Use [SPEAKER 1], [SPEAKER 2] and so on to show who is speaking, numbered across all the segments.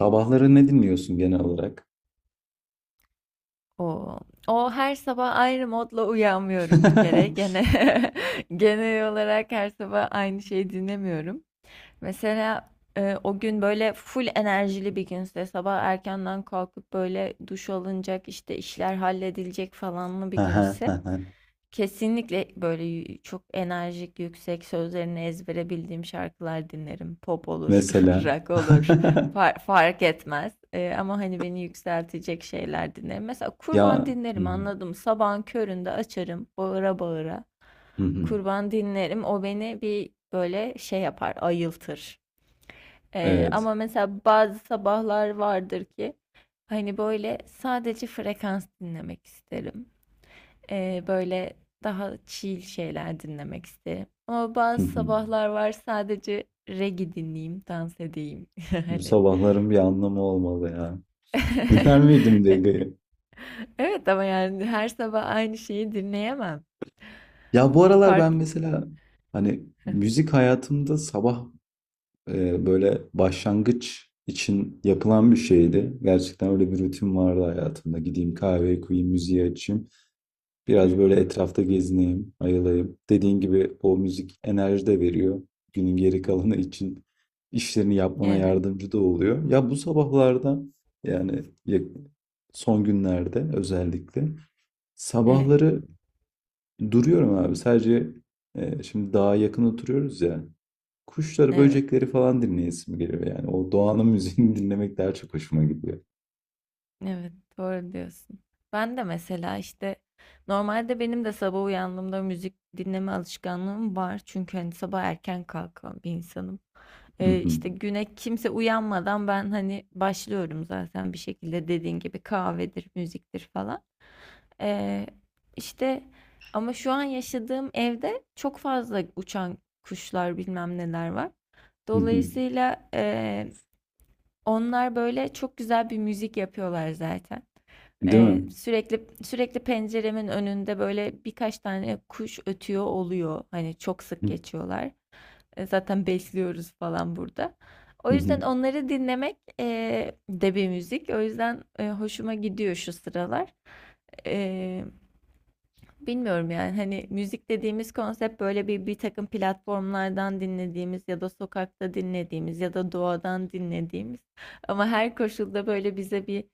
[SPEAKER 1] Sabahları ne dinliyorsun genel olarak?
[SPEAKER 2] O, o her sabah ayrı modla uyanmıyorum bir kere. Gene genel olarak her sabah aynı şeyi dinlemiyorum. Mesela o gün böyle full enerjili bir günse sabah erkenden kalkıp böyle duş alınacak işte işler halledilecek falanlı bir
[SPEAKER 1] Aha,
[SPEAKER 2] günse
[SPEAKER 1] aha.
[SPEAKER 2] kesinlikle böyle yü çok enerjik, yüksek, sözlerini ezbere bildiğim şarkılar dinlerim. Pop olur,
[SPEAKER 1] Mesela.
[SPEAKER 2] rock olur, far fark etmez. Ama, hani, beni yükseltecek şeyler dinlerim. Mesela Kurban
[SPEAKER 1] Ya. Hı
[SPEAKER 2] dinlerim,
[SPEAKER 1] hı,
[SPEAKER 2] anladım. Sabahın köründe açarım bağıra bağıra.
[SPEAKER 1] hı hı.
[SPEAKER 2] Kurban dinlerim. O beni bir, böyle, şey yapar, ayıltır.
[SPEAKER 1] Evet.
[SPEAKER 2] Ama mesela bazı sabahlar vardır ki, hani, böyle, sadece frekans dinlemek isterim. Böyle daha chill şeyler dinlemek isterim. Ama
[SPEAKER 1] Hı
[SPEAKER 2] bazı
[SPEAKER 1] hı.
[SPEAKER 2] sabahlar var sadece reggae dinleyeyim, dans edeyim.
[SPEAKER 1] Bu
[SPEAKER 2] Hani.
[SPEAKER 1] sabahların bir anlamı olmalı ya. Dinler miydim Dege'yi?
[SPEAKER 2] Evet, ama yani her sabah aynı şeyi dinleyemem.
[SPEAKER 1] Ya bu aralar ben
[SPEAKER 2] Farklı.
[SPEAKER 1] mesela hani
[SPEAKER 2] Heh.
[SPEAKER 1] müzik hayatımda sabah böyle başlangıç için yapılan bir şeydi. Gerçekten öyle bir rutin vardı hayatımda. Gideyim kahveyi koyayım, müziği açayım.
[SPEAKER 2] Hı
[SPEAKER 1] Biraz böyle
[SPEAKER 2] hı.
[SPEAKER 1] etrafta gezineyim, ayılayım. Dediğin gibi o müzik enerji de veriyor. Günün geri kalanı için işlerini yapmana
[SPEAKER 2] Evet.
[SPEAKER 1] yardımcı da oluyor. Ya bu sabahlarda yani ya- son günlerde özellikle
[SPEAKER 2] Evet.
[SPEAKER 1] sabahları duruyorum abi. Sadece şimdi dağa yakın oturuyoruz ya. Kuşları,
[SPEAKER 2] Evet.
[SPEAKER 1] böcekleri falan dinleyesim geliyor yani. O doğanın müziğini dinlemek daha çok hoşuma gidiyor.
[SPEAKER 2] Evet, doğru diyorsun. Ben de mesela işte normalde benim de sabah uyandığımda müzik dinleme alışkanlığım var. Çünkü hani sabah erken kalkan bir insanım. İşte güne kimse uyanmadan ben hani başlıyorum zaten bir şekilde dediğin gibi kahvedir, müziktir falan. Ee, işte ama şu an yaşadığım evde çok fazla uçan kuşlar bilmem neler var. Dolayısıyla onlar böyle çok güzel bir müzik yapıyorlar zaten.
[SPEAKER 1] Değil mi?
[SPEAKER 2] Sürekli penceremin önünde böyle birkaç tane kuş ötüyor oluyor. Hani çok sık geçiyorlar. Zaten besliyoruz falan burada. O yüzden onları dinlemek de bir müzik. O yüzden hoşuma gidiyor şu sıralar. E, bilmiyorum yani hani müzik dediğimiz konsept böyle bir takım platformlardan dinlediğimiz ya da sokakta dinlediğimiz ya da doğadan dinlediğimiz ama her koşulda böyle bize bir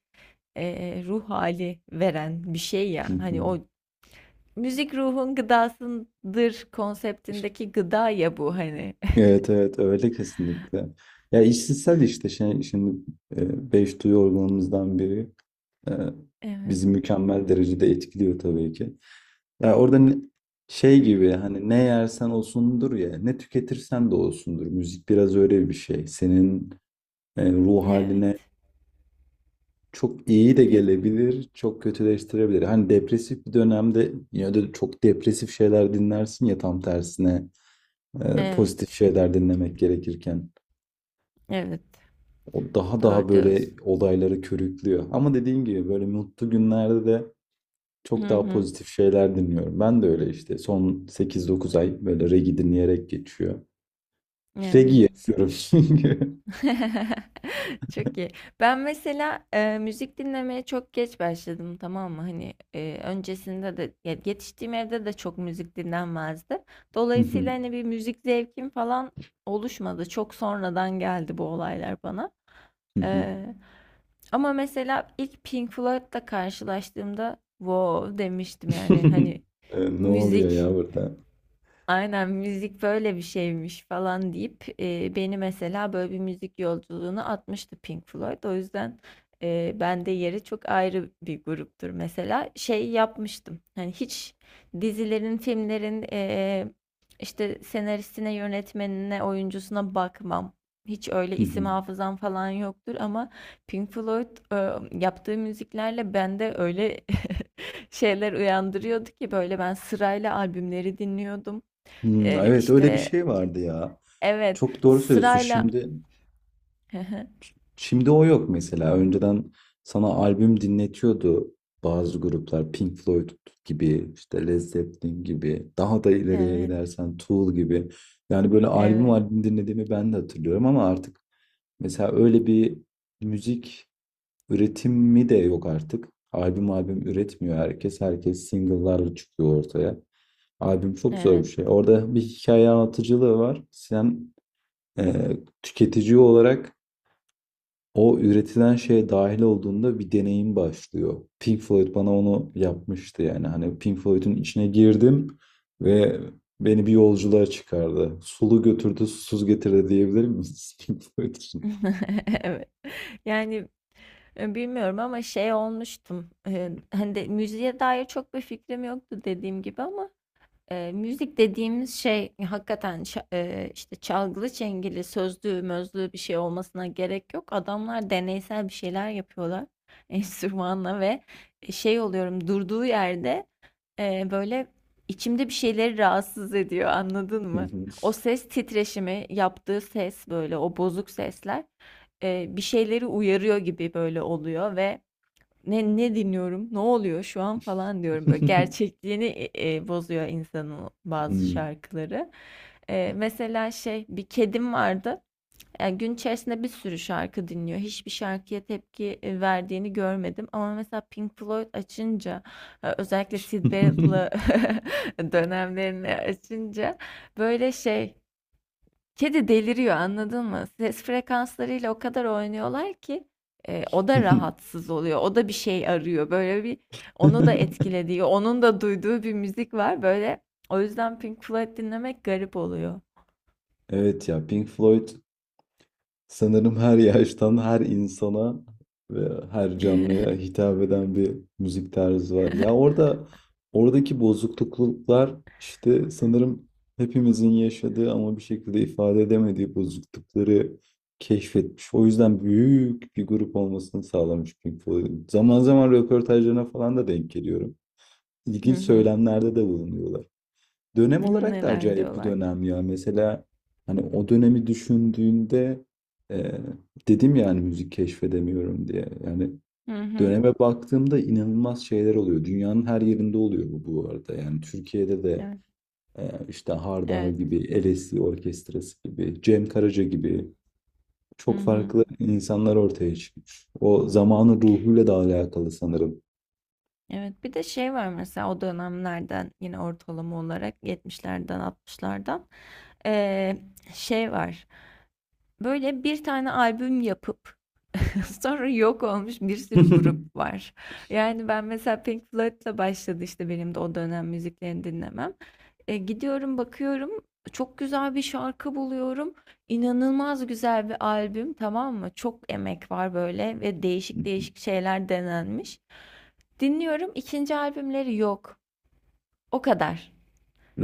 [SPEAKER 2] ruh hali veren bir şey ya. Hani o müzik ruhun gıdasındır konseptindeki gıda ya bu hani.
[SPEAKER 1] Evet, evet, öyle kesinlikle. Ya işsizsel işte şey, şimdi beş duyu organımızdan biri e,
[SPEAKER 2] Evet.
[SPEAKER 1] bizi mükemmel derecede etkiliyor tabii ki. Ya orada şey gibi hani ne yersen olsundur ya ne tüketirsen de olsundur. Müzik biraz öyle bir şey. Senin ruh
[SPEAKER 2] Evet.
[SPEAKER 1] haline çok iyi de
[SPEAKER 2] Kes-
[SPEAKER 1] gelebilir, çok kötüleştirebilir. Hani depresif bir dönemde ya da çok depresif şeyler dinlersin ya tam tersine pozitif
[SPEAKER 2] Evet.
[SPEAKER 1] şeyler dinlemek gerekirken.
[SPEAKER 2] Evet.
[SPEAKER 1] O daha daha
[SPEAKER 2] Doğru
[SPEAKER 1] böyle
[SPEAKER 2] diyorsun.
[SPEAKER 1] olayları körüklüyor. Ama dediğim gibi böyle mutlu günlerde de çok
[SPEAKER 2] Hı
[SPEAKER 1] daha
[SPEAKER 2] hı.
[SPEAKER 1] pozitif şeyler dinliyorum. Ben de öyle işte son 8-9 ay böyle reggae dinleyerek geçiyor. Reggae
[SPEAKER 2] Evet.
[SPEAKER 1] yapıyorum. Çünkü.
[SPEAKER 2] Çok iyi. Ben mesela müzik dinlemeye çok geç başladım, tamam mı? Hani öncesinde de ya yetiştiğim evde de çok müzik dinlenmezdi. Dolayısıyla hani bir müzik zevkim falan oluşmadı. Çok sonradan geldi bu olaylar bana. E, ama mesela ilk Pink Floyd'la karşılaştığımda wow demiştim, yani hani
[SPEAKER 1] Ne oluyor
[SPEAKER 2] müzik
[SPEAKER 1] ya burada?
[SPEAKER 2] aynen müzik böyle bir şeymiş falan deyip beni mesela böyle bir müzik yolculuğuna atmıştı Pink Floyd. O yüzden bende yeri çok ayrı bir gruptur. Mesela şey yapmıştım. Hani hiç dizilerin, filmlerin işte senaristine, yönetmenine, oyuncusuna bakmam. Hiç öyle isim hafızam falan yoktur ama Pink Floyd yaptığı müziklerle bende öyle şeyler uyandırıyordu ki böyle ben sırayla albümleri dinliyordum.
[SPEAKER 1] Hmm, evet öyle bir
[SPEAKER 2] İşte
[SPEAKER 1] şey vardı ya.
[SPEAKER 2] evet,
[SPEAKER 1] Çok doğru söylüyorsun.
[SPEAKER 2] sırayla
[SPEAKER 1] Şimdi şimdi o yok mesela. Önceden sana albüm dinletiyordu bazı gruplar. Pink Floyd gibi, işte Led Zeppelin gibi, daha da ileriye
[SPEAKER 2] Evet,
[SPEAKER 1] gidersen Tool gibi. Yani böyle albüm
[SPEAKER 2] evet,
[SPEAKER 1] albüm dinlediğimi ben de hatırlıyorum ama artık mesela öyle bir müzik üretimi de yok artık. Albüm albüm üretmiyor herkes. Herkes single'larla çıkıyor ortaya. Albüm çok zor bir
[SPEAKER 2] evet.
[SPEAKER 1] şey. Orada bir hikaye anlatıcılığı var. Sen e, tüketici olarak o üretilen şeye dahil olduğunda bir deneyim başlıyor. Pink Floyd bana onu yapmıştı yani. Hani Pink Floyd'un içine girdim ve beni bir yolculuğa çıkardı. Sulu götürdü, susuz getirdi diyebilir miyiz Pink Floyd için?
[SPEAKER 2] Evet. Yani, bilmiyorum ama şey olmuştum, hani, de müziğe dair çok bir fikrim yoktu dediğim gibi ama, müzik dediğimiz şey hakikaten ça işte çalgılı çengeli, sözlü mözlü bir şey olmasına gerek yok. Adamlar deneysel bir şeyler yapıyorlar enstrümanla ve, şey oluyorum durduğu yerde. Böyle içimde bir şeyleri rahatsız ediyor, anladın mı? O ses titreşimi, yaptığı ses böyle o bozuk sesler bir şeyleri uyarıyor gibi böyle oluyor ve ne dinliyorum, ne oluyor şu an falan diyorum böyle gerçekliğini bozuyor insanın bazı
[SPEAKER 1] Hmm.
[SPEAKER 2] şarkıları. Mesela şey bir kedim vardı. Yani gün içerisinde bir sürü şarkı dinliyor. Hiçbir şarkıya tepki verdiğini görmedim. Ama mesela Pink Floyd açınca, özellikle Sid Barrett'lı dönemlerini açınca böyle şey, kedi deliriyor, anladın mı? Ses frekanslarıyla o kadar oynuyorlar ki o da rahatsız oluyor. O da bir şey arıyor. Böyle bir onu da etkilediği, onun da duyduğu bir müzik var. Böyle o yüzden Pink Floyd dinlemek garip oluyor.
[SPEAKER 1] Evet ya, Pink Floyd, sanırım her yaştan, her insana ve her canlıya hitap eden bir müzik tarzı var. Ya orada oradaki bozukluklar işte sanırım hepimizin yaşadığı ama bir şekilde ifade edemediği bozuklukları keşfetmiş. O yüzden büyük bir grup olmasını sağlamış Pink Floyd. Zaman zaman röportajlarına falan da denk geliyorum.
[SPEAKER 2] Hı
[SPEAKER 1] İlginç
[SPEAKER 2] hı.
[SPEAKER 1] söylemlerde de bulunuyorlar. Dönem olarak da
[SPEAKER 2] Neler
[SPEAKER 1] acayip bir
[SPEAKER 2] diyorlar.
[SPEAKER 1] dönem ya. Mesela hani o dönemi düşündüğünde e, dedim yani müzik keşfedemiyorum diye. Yani
[SPEAKER 2] Hı hı.
[SPEAKER 1] döneme baktığımda inanılmaz şeyler oluyor. Dünyanın her yerinde oluyor bu arada. Yani Türkiye'de de
[SPEAKER 2] Evet.
[SPEAKER 1] e, işte Hardal
[SPEAKER 2] Evet.
[SPEAKER 1] gibi, LSD Orkestrası gibi, Cem Karaca gibi
[SPEAKER 2] Hı
[SPEAKER 1] çok
[SPEAKER 2] hı.
[SPEAKER 1] farklı insanlar ortaya çıkmış. O zamanın ruhuyla da alakalı sanırım.
[SPEAKER 2] Evet. Bir de şey var mesela o dönemlerden yine ortalama olarak 70'lerden 60'lardan eee, şey var. Böyle bir tane albüm yapıp sonra yok olmuş bir sürü grup var. Yani ben mesela Pink Floyd'la başladı işte benim de o dönem müziklerini dinlemem. Gidiyorum, bakıyorum. Çok güzel bir şarkı buluyorum. İnanılmaz güzel bir albüm, tamam mı? Çok emek var böyle ve değişik şeyler denenmiş. Dinliyorum. İkinci albümleri yok. O kadar.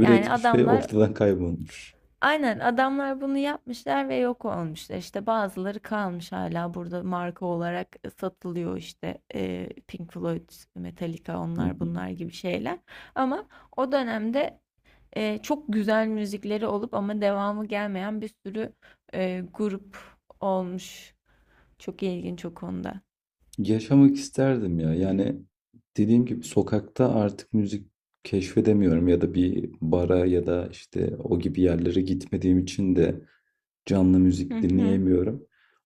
[SPEAKER 2] Yani
[SPEAKER 1] ve
[SPEAKER 2] adamlar
[SPEAKER 1] ortadan kaybolmuş.
[SPEAKER 2] aynen adamlar bunu yapmışlar ve yok olmuşlar. İşte bazıları kalmış hala burada marka olarak satılıyor işte Pink Floyd, Metallica onlar bunlar gibi şeyler. Ama o dönemde çok güzel müzikleri olup ama devamı gelmeyen bir sürü grup olmuş. Çok ilginç o konuda.
[SPEAKER 1] Yaşamak isterdim ya. Yani dediğim gibi sokakta artık müzik keşfedemiyorum ya da bir bara ya da işte o gibi yerlere gitmediğim için de canlı
[SPEAKER 2] Hı
[SPEAKER 1] müzik
[SPEAKER 2] hı.
[SPEAKER 1] dinleyemiyorum.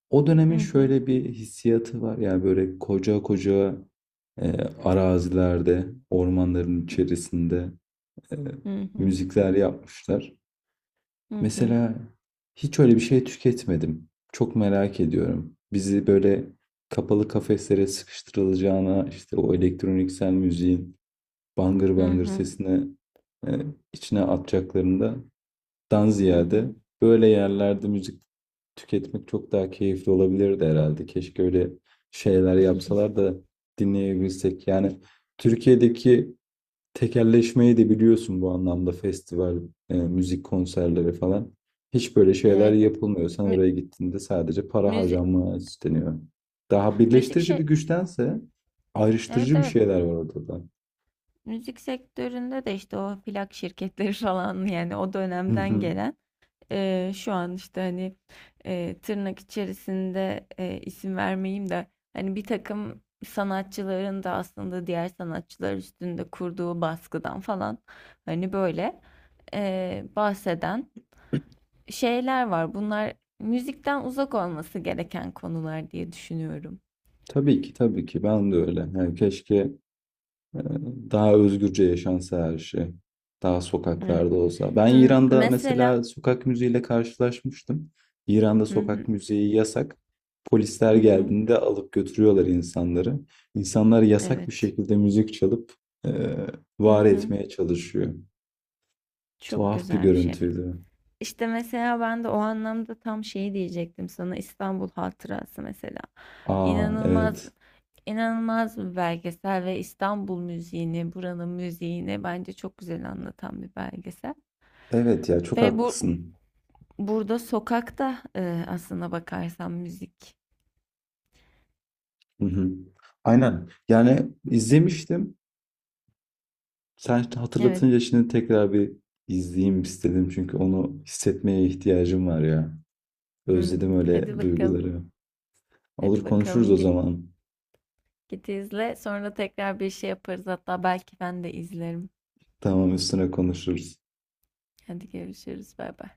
[SPEAKER 1] O dönemin
[SPEAKER 2] Hı hı.
[SPEAKER 1] şöyle bir hissiyatı var. Yani böyle koca koca e, arazilerde, ormanların içerisinde e,
[SPEAKER 2] Hı hı.
[SPEAKER 1] müzikler yapmışlar.
[SPEAKER 2] Hı hı.
[SPEAKER 1] Mesela hiç öyle bir şey tüketmedim. Çok merak ediyorum. Bizi böyle kapalı kafeslere sıkıştırılacağına işte o elektroniksel müziğin bangır
[SPEAKER 2] Hı
[SPEAKER 1] bangır
[SPEAKER 2] hı.
[SPEAKER 1] sesine e, içine atacaklarından
[SPEAKER 2] Hı
[SPEAKER 1] ziyade
[SPEAKER 2] hı.
[SPEAKER 1] böyle yerlerde müzik tüketmek çok daha keyifli olabilirdi herhalde. Keşke öyle şeyler yapsalar da dinleyebilsek. Yani Türkiye'deki tekelleşmeyi de biliyorsun bu anlamda festival, müzik konserleri falan. Hiç böyle şeyler
[SPEAKER 2] Evet.
[SPEAKER 1] yapılmıyor. Sen
[SPEAKER 2] Mü-
[SPEAKER 1] oraya gittiğinde sadece para
[SPEAKER 2] müzik
[SPEAKER 1] harcanmaya isteniyor. Daha
[SPEAKER 2] müzik
[SPEAKER 1] birleştirici bir
[SPEAKER 2] şey
[SPEAKER 1] güçtense
[SPEAKER 2] evet,
[SPEAKER 1] ayrıştırıcı bir
[SPEAKER 2] evet,
[SPEAKER 1] şeyler var ortada.
[SPEAKER 2] müzik sektöründe de işte o plak şirketleri falan yani o
[SPEAKER 1] Hı
[SPEAKER 2] dönemden
[SPEAKER 1] hı.
[SPEAKER 2] gelen şu an işte hani tırnak içerisinde isim vermeyeyim de hani bir takım sanatçıların da aslında diğer sanatçılar üstünde kurduğu baskıdan falan hani böyle bahseden şeyler var. Bunlar müzikten uzak olması gereken konular diye düşünüyorum.
[SPEAKER 1] Tabii ki, tabii ki, ben de öyle. Yani keşke. Ee, Daha özgürce yaşansa her şey. Daha
[SPEAKER 2] Evet.
[SPEAKER 1] sokaklarda olsa. Ben
[SPEAKER 2] M-
[SPEAKER 1] İran'da mesela
[SPEAKER 2] mesela.
[SPEAKER 1] sokak müziğiyle karşılaşmıştım. İran'da
[SPEAKER 2] Hı
[SPEAKER 1] sokak
[SPEAKER 2] hı.
[SPEAKER 1] müziği yasak.
[SPEAKER 2] Hı
[SPEAKER 1] Polisler
[SPEAKER 2] hı.
[SPEAKER 1] geldiğinde alıp götürüyorlar insanları. İnsanlar yasak bir
[SPEAKER 2] Evet.
[SPEAKER 1] şekilde müzik çalıp e,
[SPEAKER 2] Hı
[SPEAKER 1] var
[SPEAKER 2] hı.
[SPEAKER 1] etmeye çalışıyor.
[SPEAKER 2] Çok
[SPEAKER 1] Tuhaf bir
[SPEAKER 2] güzel bir şey.
[SPEAKER 1] görüntüydü.
[SPEAKER 2] İşte mesela ben de o anlamda tam şeyi diyecektim sana, İstanbul Hatırası mesela.
[SPEAKER 1] Aa,
[SPEAKER 2] İnanılmaz
[SPEAKER 1] evet.
[SPEAKER 2] inanılmaz bir belgesel ve İstanbul müziğini, buranın müziğini bence çok güzel anlatan bir belgesel.
[SPEAKER 1] Evet ya, çok
[SPEAKER 2] Ve bu
[SPEAKER 1] haklısın.
[SPEAKER 2] burada sokakta aslına bakarsan müzik.
[SPEAKER 1] Hı hı. Aynen. Yani izlemiştim. Sen şimdi
[SPEAKER 2] Evet.
[SPEAKER 1] hatırlatınca şimdi tekrar bir izleyeyim istedim. Çünkü onu hissetmeye ihtiyacım var ya.
[SPEAKER 2] Hı hı.
[SPEAKER 1] Özledim
[SPEAKER 2] Hadi
[SPEAKER 1] öyle
[SPEAKER 2] bakalım.
[SPEAKER 1] duyguları.
[SPEAKER 2] Hadi
[SPEAKER 1] Olur, konuşuruz
[SPEAKER 2] bakalım
[SPEAKER 1] o zaman.
[SPEAKER 2] git izle. Sonra tekrar bir şey yaparız. Hatta belki ben de izlerim.
[SPEAKER 1] Tamam, üstüne konuşuruz.
[SPEAKER 2] Hadi görüşürüz. Bay bay.